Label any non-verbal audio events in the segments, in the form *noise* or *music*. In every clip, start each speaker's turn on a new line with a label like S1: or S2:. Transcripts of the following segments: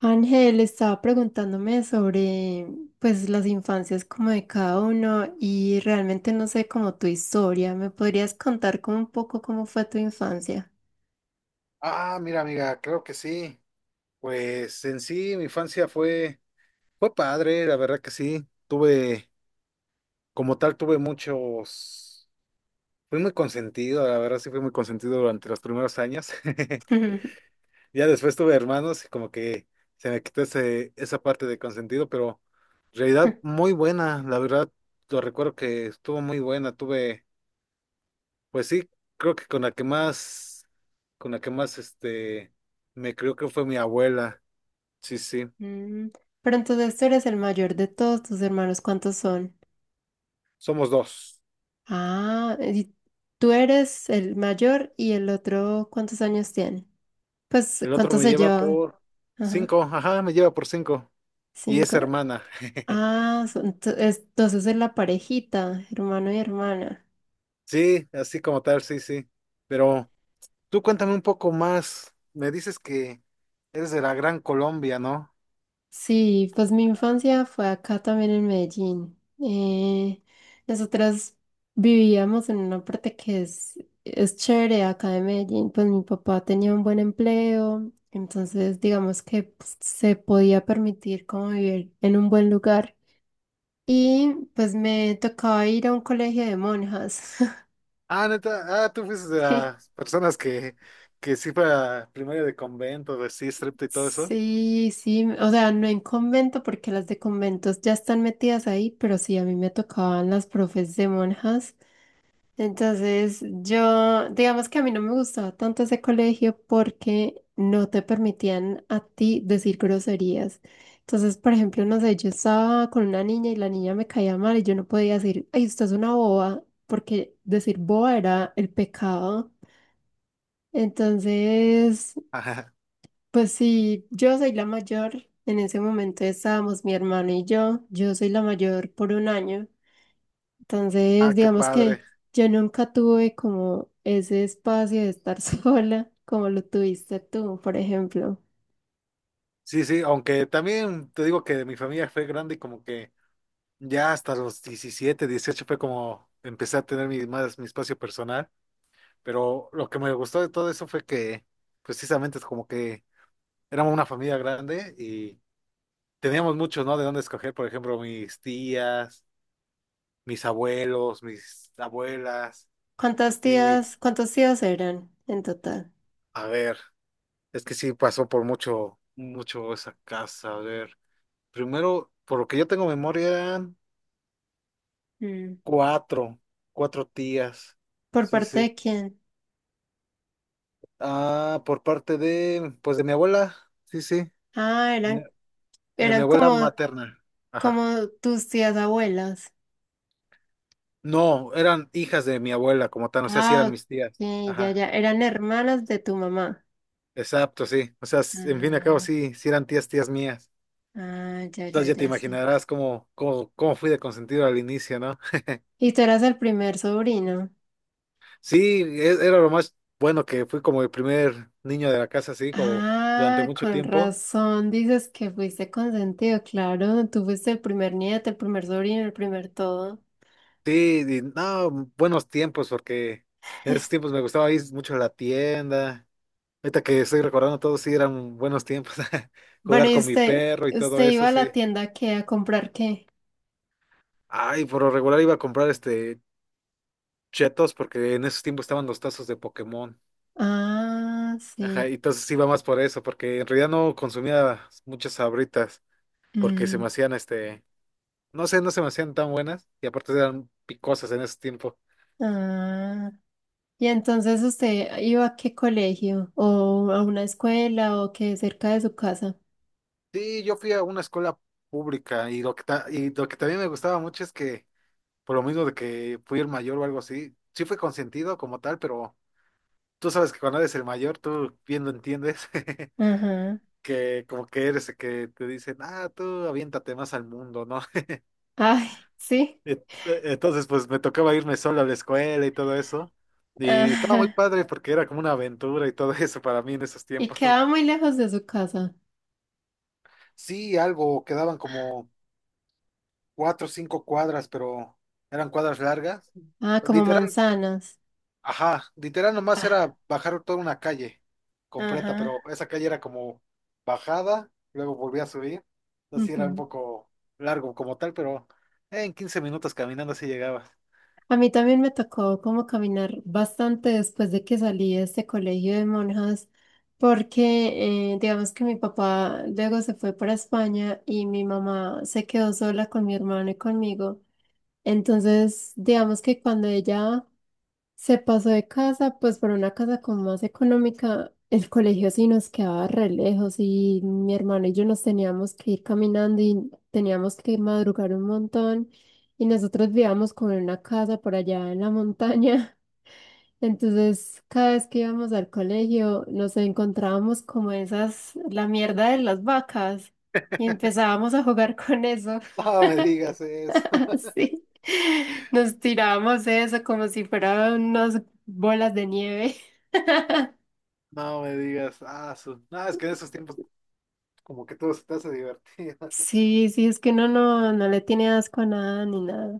S1: Ángel estaba preguntándome sobre pues las infancias como de cada uno y realmente no sé como tu historia. ¿Me podrías contar como un poco cómo fue tu infancia?
S2: Ah, mira, amiga, creo que sí. Pues en sí, mi infancia fue padre, la verdad que sí. Tuve, como tal, tuve muchos, fui muy consentido, la verdad sí fui muy consentido durante los primeros años. *laughs*
S1: *laughs*
S2: Ya después tuve hermanos y como que se me quitó esa parte de consentido, pero en realidad muy buena, la verdad, lo recuerdo que estuvo muy buena. Tuve, pues sí, creo que con la que más, con la que más, este, me creo que fue mi abuela. Sí, sí.
S1: Mm. Pero entonces tú eres el mayor de todos tus hermanos. ¿Cuántos son?
S2: Somos dos.
S1: Ah, y tú eres el mayor y el otro, ¿cuántos años tiene? Pues,
S2: El otro
S1: ¿cuántos
S2: me
S1: se
S2: lleva
S1: llevaban?
S2: por
S1: Ajá,
S2: cinco. Ajá, me lleva por cinco. Y es
S1: cinco.
S2: hermana. *laughs*
S1: Ah, entonces es la parejita, hermano y hermana.
S2: Sí, así como tal, sí, sí. Pero tú cuéntame un poco más. Me dices que eres de la Gran Colombia, ¿no?
S1: Sí, pues mi infancia fue acá también en Medellín. Nosotras vivíamos en una parte que es chévere acá de Medellín. Pues mi papá tenía un buen empleo, entonces digamos que pues, se podía permitir como vivir en un buen lugar. Y pues me tocaba ir a un colegio de monjas. *laughs*
S2: Ah, neta, ah, tú fuiste de
S1: Sí.
S2: las personas que sí fue a primaria de convento, de sí, striptease y todo eso.
S1: Sí, sí, o sea, no en convento porque las de conventos ya están metidas ahí, pero sí, a mí me tocaban las profes de monjas. Entonces, yo, digamos que a mí no me gustaba tanto ese colegio porque no te permitían a ti decir groserías. Entonces, por ejemplo, no sé, yo estaba con una niña y la niña me caía mal y yo no podía decir, ay, usted es una boba, porque decir boba era el pecado. Entonces,
S2: Ajá.
S1: pues sí, yo soy la mayor. En ese momento estábamos mi hermano y yo. Yo soy la mayor por un año.
S2: Ah,
S1: Entonces,
S2: qué
S1: digamos
S2: padre.
S1: que yo nunca tuve como ese espacio de estar *laughs* sola como lo tuviste tú, por ejemplo.
S2: Sí, sí, aunque también te digo que mi familia fue grande y como que ya hasta los 17, 18 fue como empecé a tener mi, más mi espacio personal, pero lo que me gustó de todo eso fue que precisamente es como que éramos una familia grande y teníamos muchos, ¿no? De dónde escoger, por ejemplo, mis tías, mis abuelos, mis abuelas
S1: ¿Cuántas
S2: y
S1: tías, cuántos tíos eran en total?
S2: a ver, es que sí pasó por mucho, mucho esa casa, a ver. Primero, por lo que yo tengo memoria, eran
S1: Mm.
S2: cuatro, cuatro tías.
S1: ¿Por
S2: Sí,
S1: parte
S2: sí.
S1: de quién?
S2: Ah, por parte de, pues de mi abuela, sí, sí,
S1: Ah,
S2: de mi
S1: eran,
S2: de mi
S1: eran
S2: abuela
S1: como,
S2: materna. Ajá.
S1: como tus tías abuelas.
S2: No, eran hijas de mi abuela como tal, o sea, sí
S1: Ah,
S2: eran
S1: ok,
S2: mis tías.
S1: ya,
S2: Ajá.
S1: ya. Eran hermanas de tu mamá.
S2: Exacto, sí. O sea, en fin y al cabo,
S1: Ah.
S2: sí, sí eran tías, tías mías.
S1: Ah, ya, ya,
S2: Entonces ya te
S1: ya sé.
S2: imaginarás cómo fui de consentido al inicio, ¿no?
S1: Y tú eras el primer sobrino.
S2: Sí, era lo más bueno que fui como el primer niño de la casa, sí, como durante
S1: Ah,
S2: mucho
S1: con
S2: tiempo.
S1: razón dices que fuiste consentido, claro. Tú fuiste el primer nieto, el primer sobrino, el primer todo.
S2: Sí, y no, buenos tiempos, porque en esos tiempos me gustaba ir mucho a la tienda. Ahorita que estoy recordando todo, sí eran buenos tiempos. *laughs*
S1: Bueno,
S2: Jugar
S1: ¿y
S2: con mi
S1: usted,
S2: perro y todo
S1: usted
S2: eso,
S1: iba a
S2: sí.
S1: la tienda qué, a comprar qué?
S2: Ay, por lo regular iba a comprar chetos porque en esos tiempos estaban los tazos de Pokémon.
S1: Ah,
S2: Ajá,
S1: sí.
S2: y entonces iba más por eso, porque en realidad no consumía muchas sabritas, porque se
S1: Mm.
S2: me hacían no sé, no se me hacían tan buenas y aparte eran picosas en ese tiempo.
S1: Ah. Y entonces usted iba a qué colegio, o a una escuela, o qué cerca de su casa.
S2: Sí, yo fui a una escuela pública y lo que, y lo que también me gustaba mucho es que, por lo mismo de que fui el mayor o algo así, sí fui consentido como tal, pero tú sabes que cuando eres el mayor, tú bien lo entiendes, *laughs*
S1: Ajá.
S2: que como que eres el que te dicen, ah, tú aviéntate más al mundo, ¿no? *laughs*
S1: Ay, sí.
S2: Ent- Entonces, pues me tocaba irme solo a la escuela y todo eso.
S1: *laughs*
S2: Y estaba muy
S1: Ajá.
S2: padre porque era como una aventura y todo *laughs* eso para mí en esos
S1: Y
S2: tiempos.
S1: quedaba
S2: *laughs*
S1: muy lejos de su casa.
S2: Sí, algo, quedaban como 4 o 5 cuadras, pero eran cuadras largas.
S1: Ah, como
S2: Literal.
S1: manzanas.
S2: Ajá, literal nomás
S1: Ah,
S2: era bajar toda una calle completa, pero
S1: ajá.
S2: esa calle era como bajada, luego volvía a subir. Así era un
S1: Ujú.
S2: poco largo como tal, pero en 15 minutos caminando así llegabas.
S1: A mí también me tocó como caminar bastante después de que salí de este colegio de monjas, porque digamos que mi papá luego se fue para España y mi mamá se quedó sola con mi hermano y conmigo. Entonces, digamos que cuando ella se pasó de casa, pues por una casa como más económica, el colegio sí nos quedaba re lejos y mi hermano y yo nos teníamos que ir caminando y teníamos que madrugar un montón y nosotros vivíamos como en una casa por allá en la montaña. *laughs* Entonces, cada vez que íbamos al colegio, nos encontrábamos como esas, la mierda de las vacas y empezábamos a jugar con eso.
S2: *laughs* No me digas eso,
S1: *laughs* Así, nos tirábamos eso como si fueran unas bolas de nieve. *laughs*
S2: *laughs* no me digas, ah, no, es que en esos tiempos como que todo se te hace divertido. *laughs*
S1: Sí, sí, es que uno no, no le tiene asco a nada ni nada.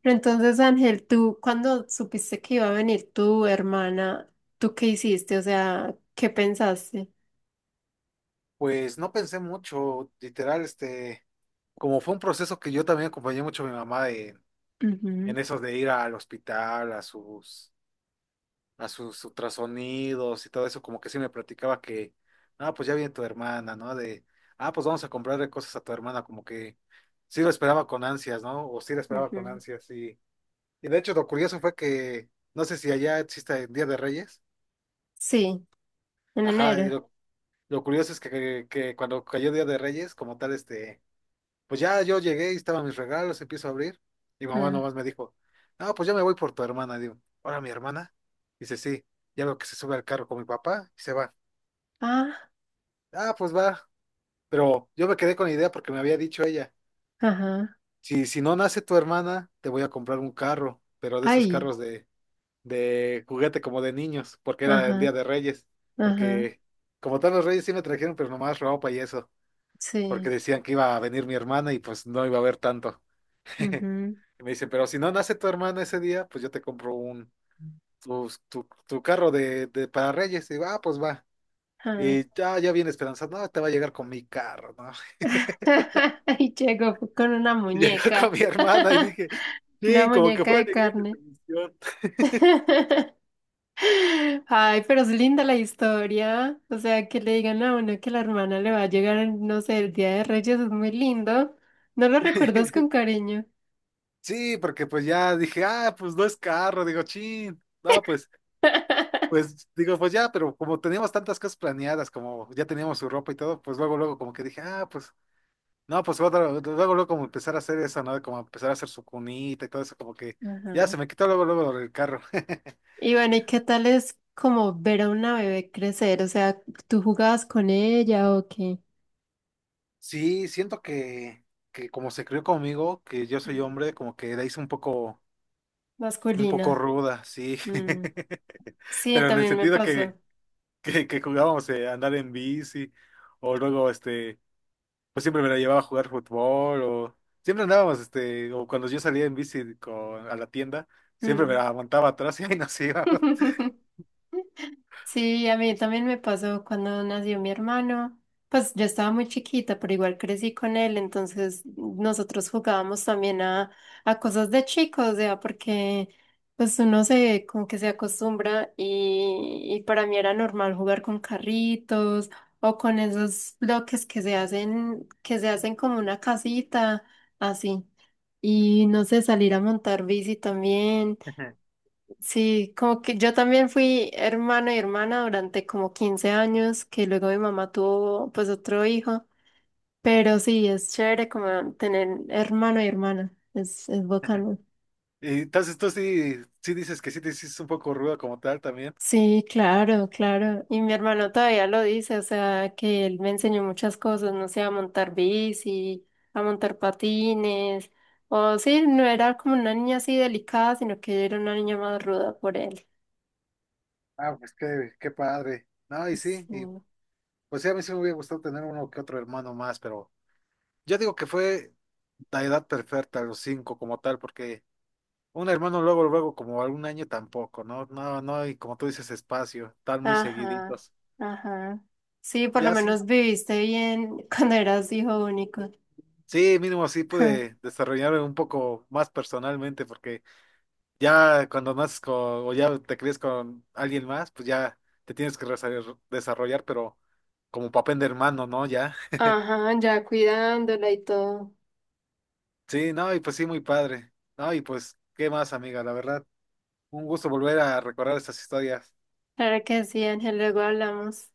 S1: Pero entonces, Ángel, tú, cuando supiste que iba a venir tu hermana, ¿tú qué hiciste? O sea, ¿qué pensaste?
S2: Pues no pensé mucho, literal, como fue un proceso que yo también acompañé mucho a mi mamá en
S1: Ujú,
S2: eso de ir al hospital, a sus ultrasonidos y todo eso, como que sí me platicaba que, ah, pues ya viene tu hermana, ¿no? De, ah, pues vamos a comprarle cosas a tu hermana, como que sí lo esperaba con ansias, ¿no? O sí lo esperaba con
S1: ujú.
S2: ansias, y de hecho lo curioso fue que, no sé si allá existe el Día de Reyes,
S1: Sí, en
S2: ajá,
S1: enero.
S2: lo curioso es que cuando cayó Día de Reyes, como tal, pues ya yo llegué y estaban mis regalos, empiezo a abrir, y mamá
S1: Ah,
S2: nomás me dijo, no, pues ya me voy por tu hermana, digo, ahora mi hermana, dice, sí, ya veo que se sube al carro con mi papá y se va.
S1: ah,
S2: Ah, pues va. Pero yo me quedé con la idea porque me había dicho ella,
S1: ajá,
S2: si no nace tu hermana, te voy a comprar un carro, pero de esos
S1: ahí,
S2: carros de juguete como de niños, porque era el Día
S1: ajá,
S2: de Reyes,
S1: ajá,
S2: porque como tal los Reyes sí me trajeron, pero nomás ropa y eso, porque
S1: sí,
S2: decían que iba a venir mi hermana y pues no iba a haber tanto. *laughs*
S1: ujú,
S2: Y me dice, pero si no nace tu hermana ese día, pues yo te compro un, tu carro de para Reyes. Y digo, ah, pues va.
S1: ah.
S2: Y ya viene esperanzado, no, te va a llegar con mi carro, ¿no?
S1: *laughs* Y llegó con una
S2: Y llegué *laughs* con
S1: muñeca,
S2: mi hermana y
S1: *laughs*
S2: dije,
S1: una
S2: sí, como que
S1: muñeca
S2: fue
S1: de
S2: alegría de
S1: carne.
S2: transmisión.
S1: *laughs* Ay, pero es linda la historia. O sea, que le digan a uno que la hermana le va a llegar, en, no sé, el Día de Reyes es muy lindo. No lo recuerdas
S2: *laughs*
S1: con cariño.
S2: Sí, porque pues ya dije, ah, pues no es carro, digo, chin, no, pues, digo, pues ya, pero como teníamos tantas cosas planeadas, como ya teníamos su ropa y todo, pues luego, luego como que dije, ah, pues, no, pues luego, luego como empezar a hacer eso, ¿no? Como empezar a hacer su cunita y todo eso, como que ya
S1: Ajá.
S2: se me quitó luego, luego lo del carro. *laughs*
S1: Y bueno, ¿y qué tal es como ver a una bebé crecer? O sea, ¿tú jugabas con ella o qué?
S2: Sí, siento que como se crió conmigo, que yo soy
S1: Mm.
S2: hombre, como que la hice un poco un poco
S1: Masculina.
S2: ruda, sí.
S1: Mm.
S2: *laughs*
S1: Sí,
S2: Pero en el
S1: también me
S2: sentido que,
S1: pasó.
S2: que jugábamos a andar en bici, o luego, pues siempre me la llevaba a jugar fútbol, o siempre andábamos, o cuando yo salía en bici con, a la tienda, siempre me
S1: Mm.
S2: la aguantaba atrás *laughs* y ahí nos íbamos.
S1: *laughs* Sí, a mí también me pasó cuando nació mi hermano. Pues yo estaba muy chiquita, pero igual crecí con él, entonces nosotros jugábamos también a cosas de chicos, o sea, porque pues uno se como que se acostumbra y para mí era normal jugar con carritos o con esos bloques que se hacen como una casita, así. Y no sé, salir a montar bici también.
S2: *laughs*
S1: Sí, como que yo también fui hermano y hermana durante como 15 años, que luego mi mamá tuvo pues otro hijo, pero sí, es chévere como tener hermano y hermana, es bacano.
S2: Y entonces tú sí, sí dices que sí te hiciste un poco ruda como tal también.
S1: Sí, claro, claro. Y mi hermano todavía lo dice, o sea, que él me enseñó muchas cosas, no sé, a montar bici, a montar patines, o sí, no era como una niña así delicada, sino que yo era una niña más ruda por él.
S2: Ah, pues qué, qué padre. No, y sí, y
S1: Sí.
S2: pues sí, a mí sí me hubiera gustado tener uno que otro hermano más, pero yo digo que fue la edad perfecta, los cinco como tal, porque un hermano luego, luego como algún año tampoco, ¿no? No, no, y como tú dices, espacio, están muy
S1: Ajá,
S2: seguiditos.
S1: ajá. Sí, por lo
S2: Ya sí,
S1: menos viviste bien *laughs* cuando eras hijo único.
S2: sí, mínimo así pude
S1: *laughs*
S2: desarrollarme un poco más personalmente, porque ya cuando naces con, o ya te crees con alguien más, pues ya te tienes que desarrollar, pero como papel de hermano, ¿no? Ya.
S1: Ajá, ya cuidándola y todo.
S2: Sí, no, y pues sí, muy padre. No, y pues, ¿qué más, amiga? La verdad, un gusto volver a recordar estas historias.
S1: Claro que sí, Ángel, luego hablamos.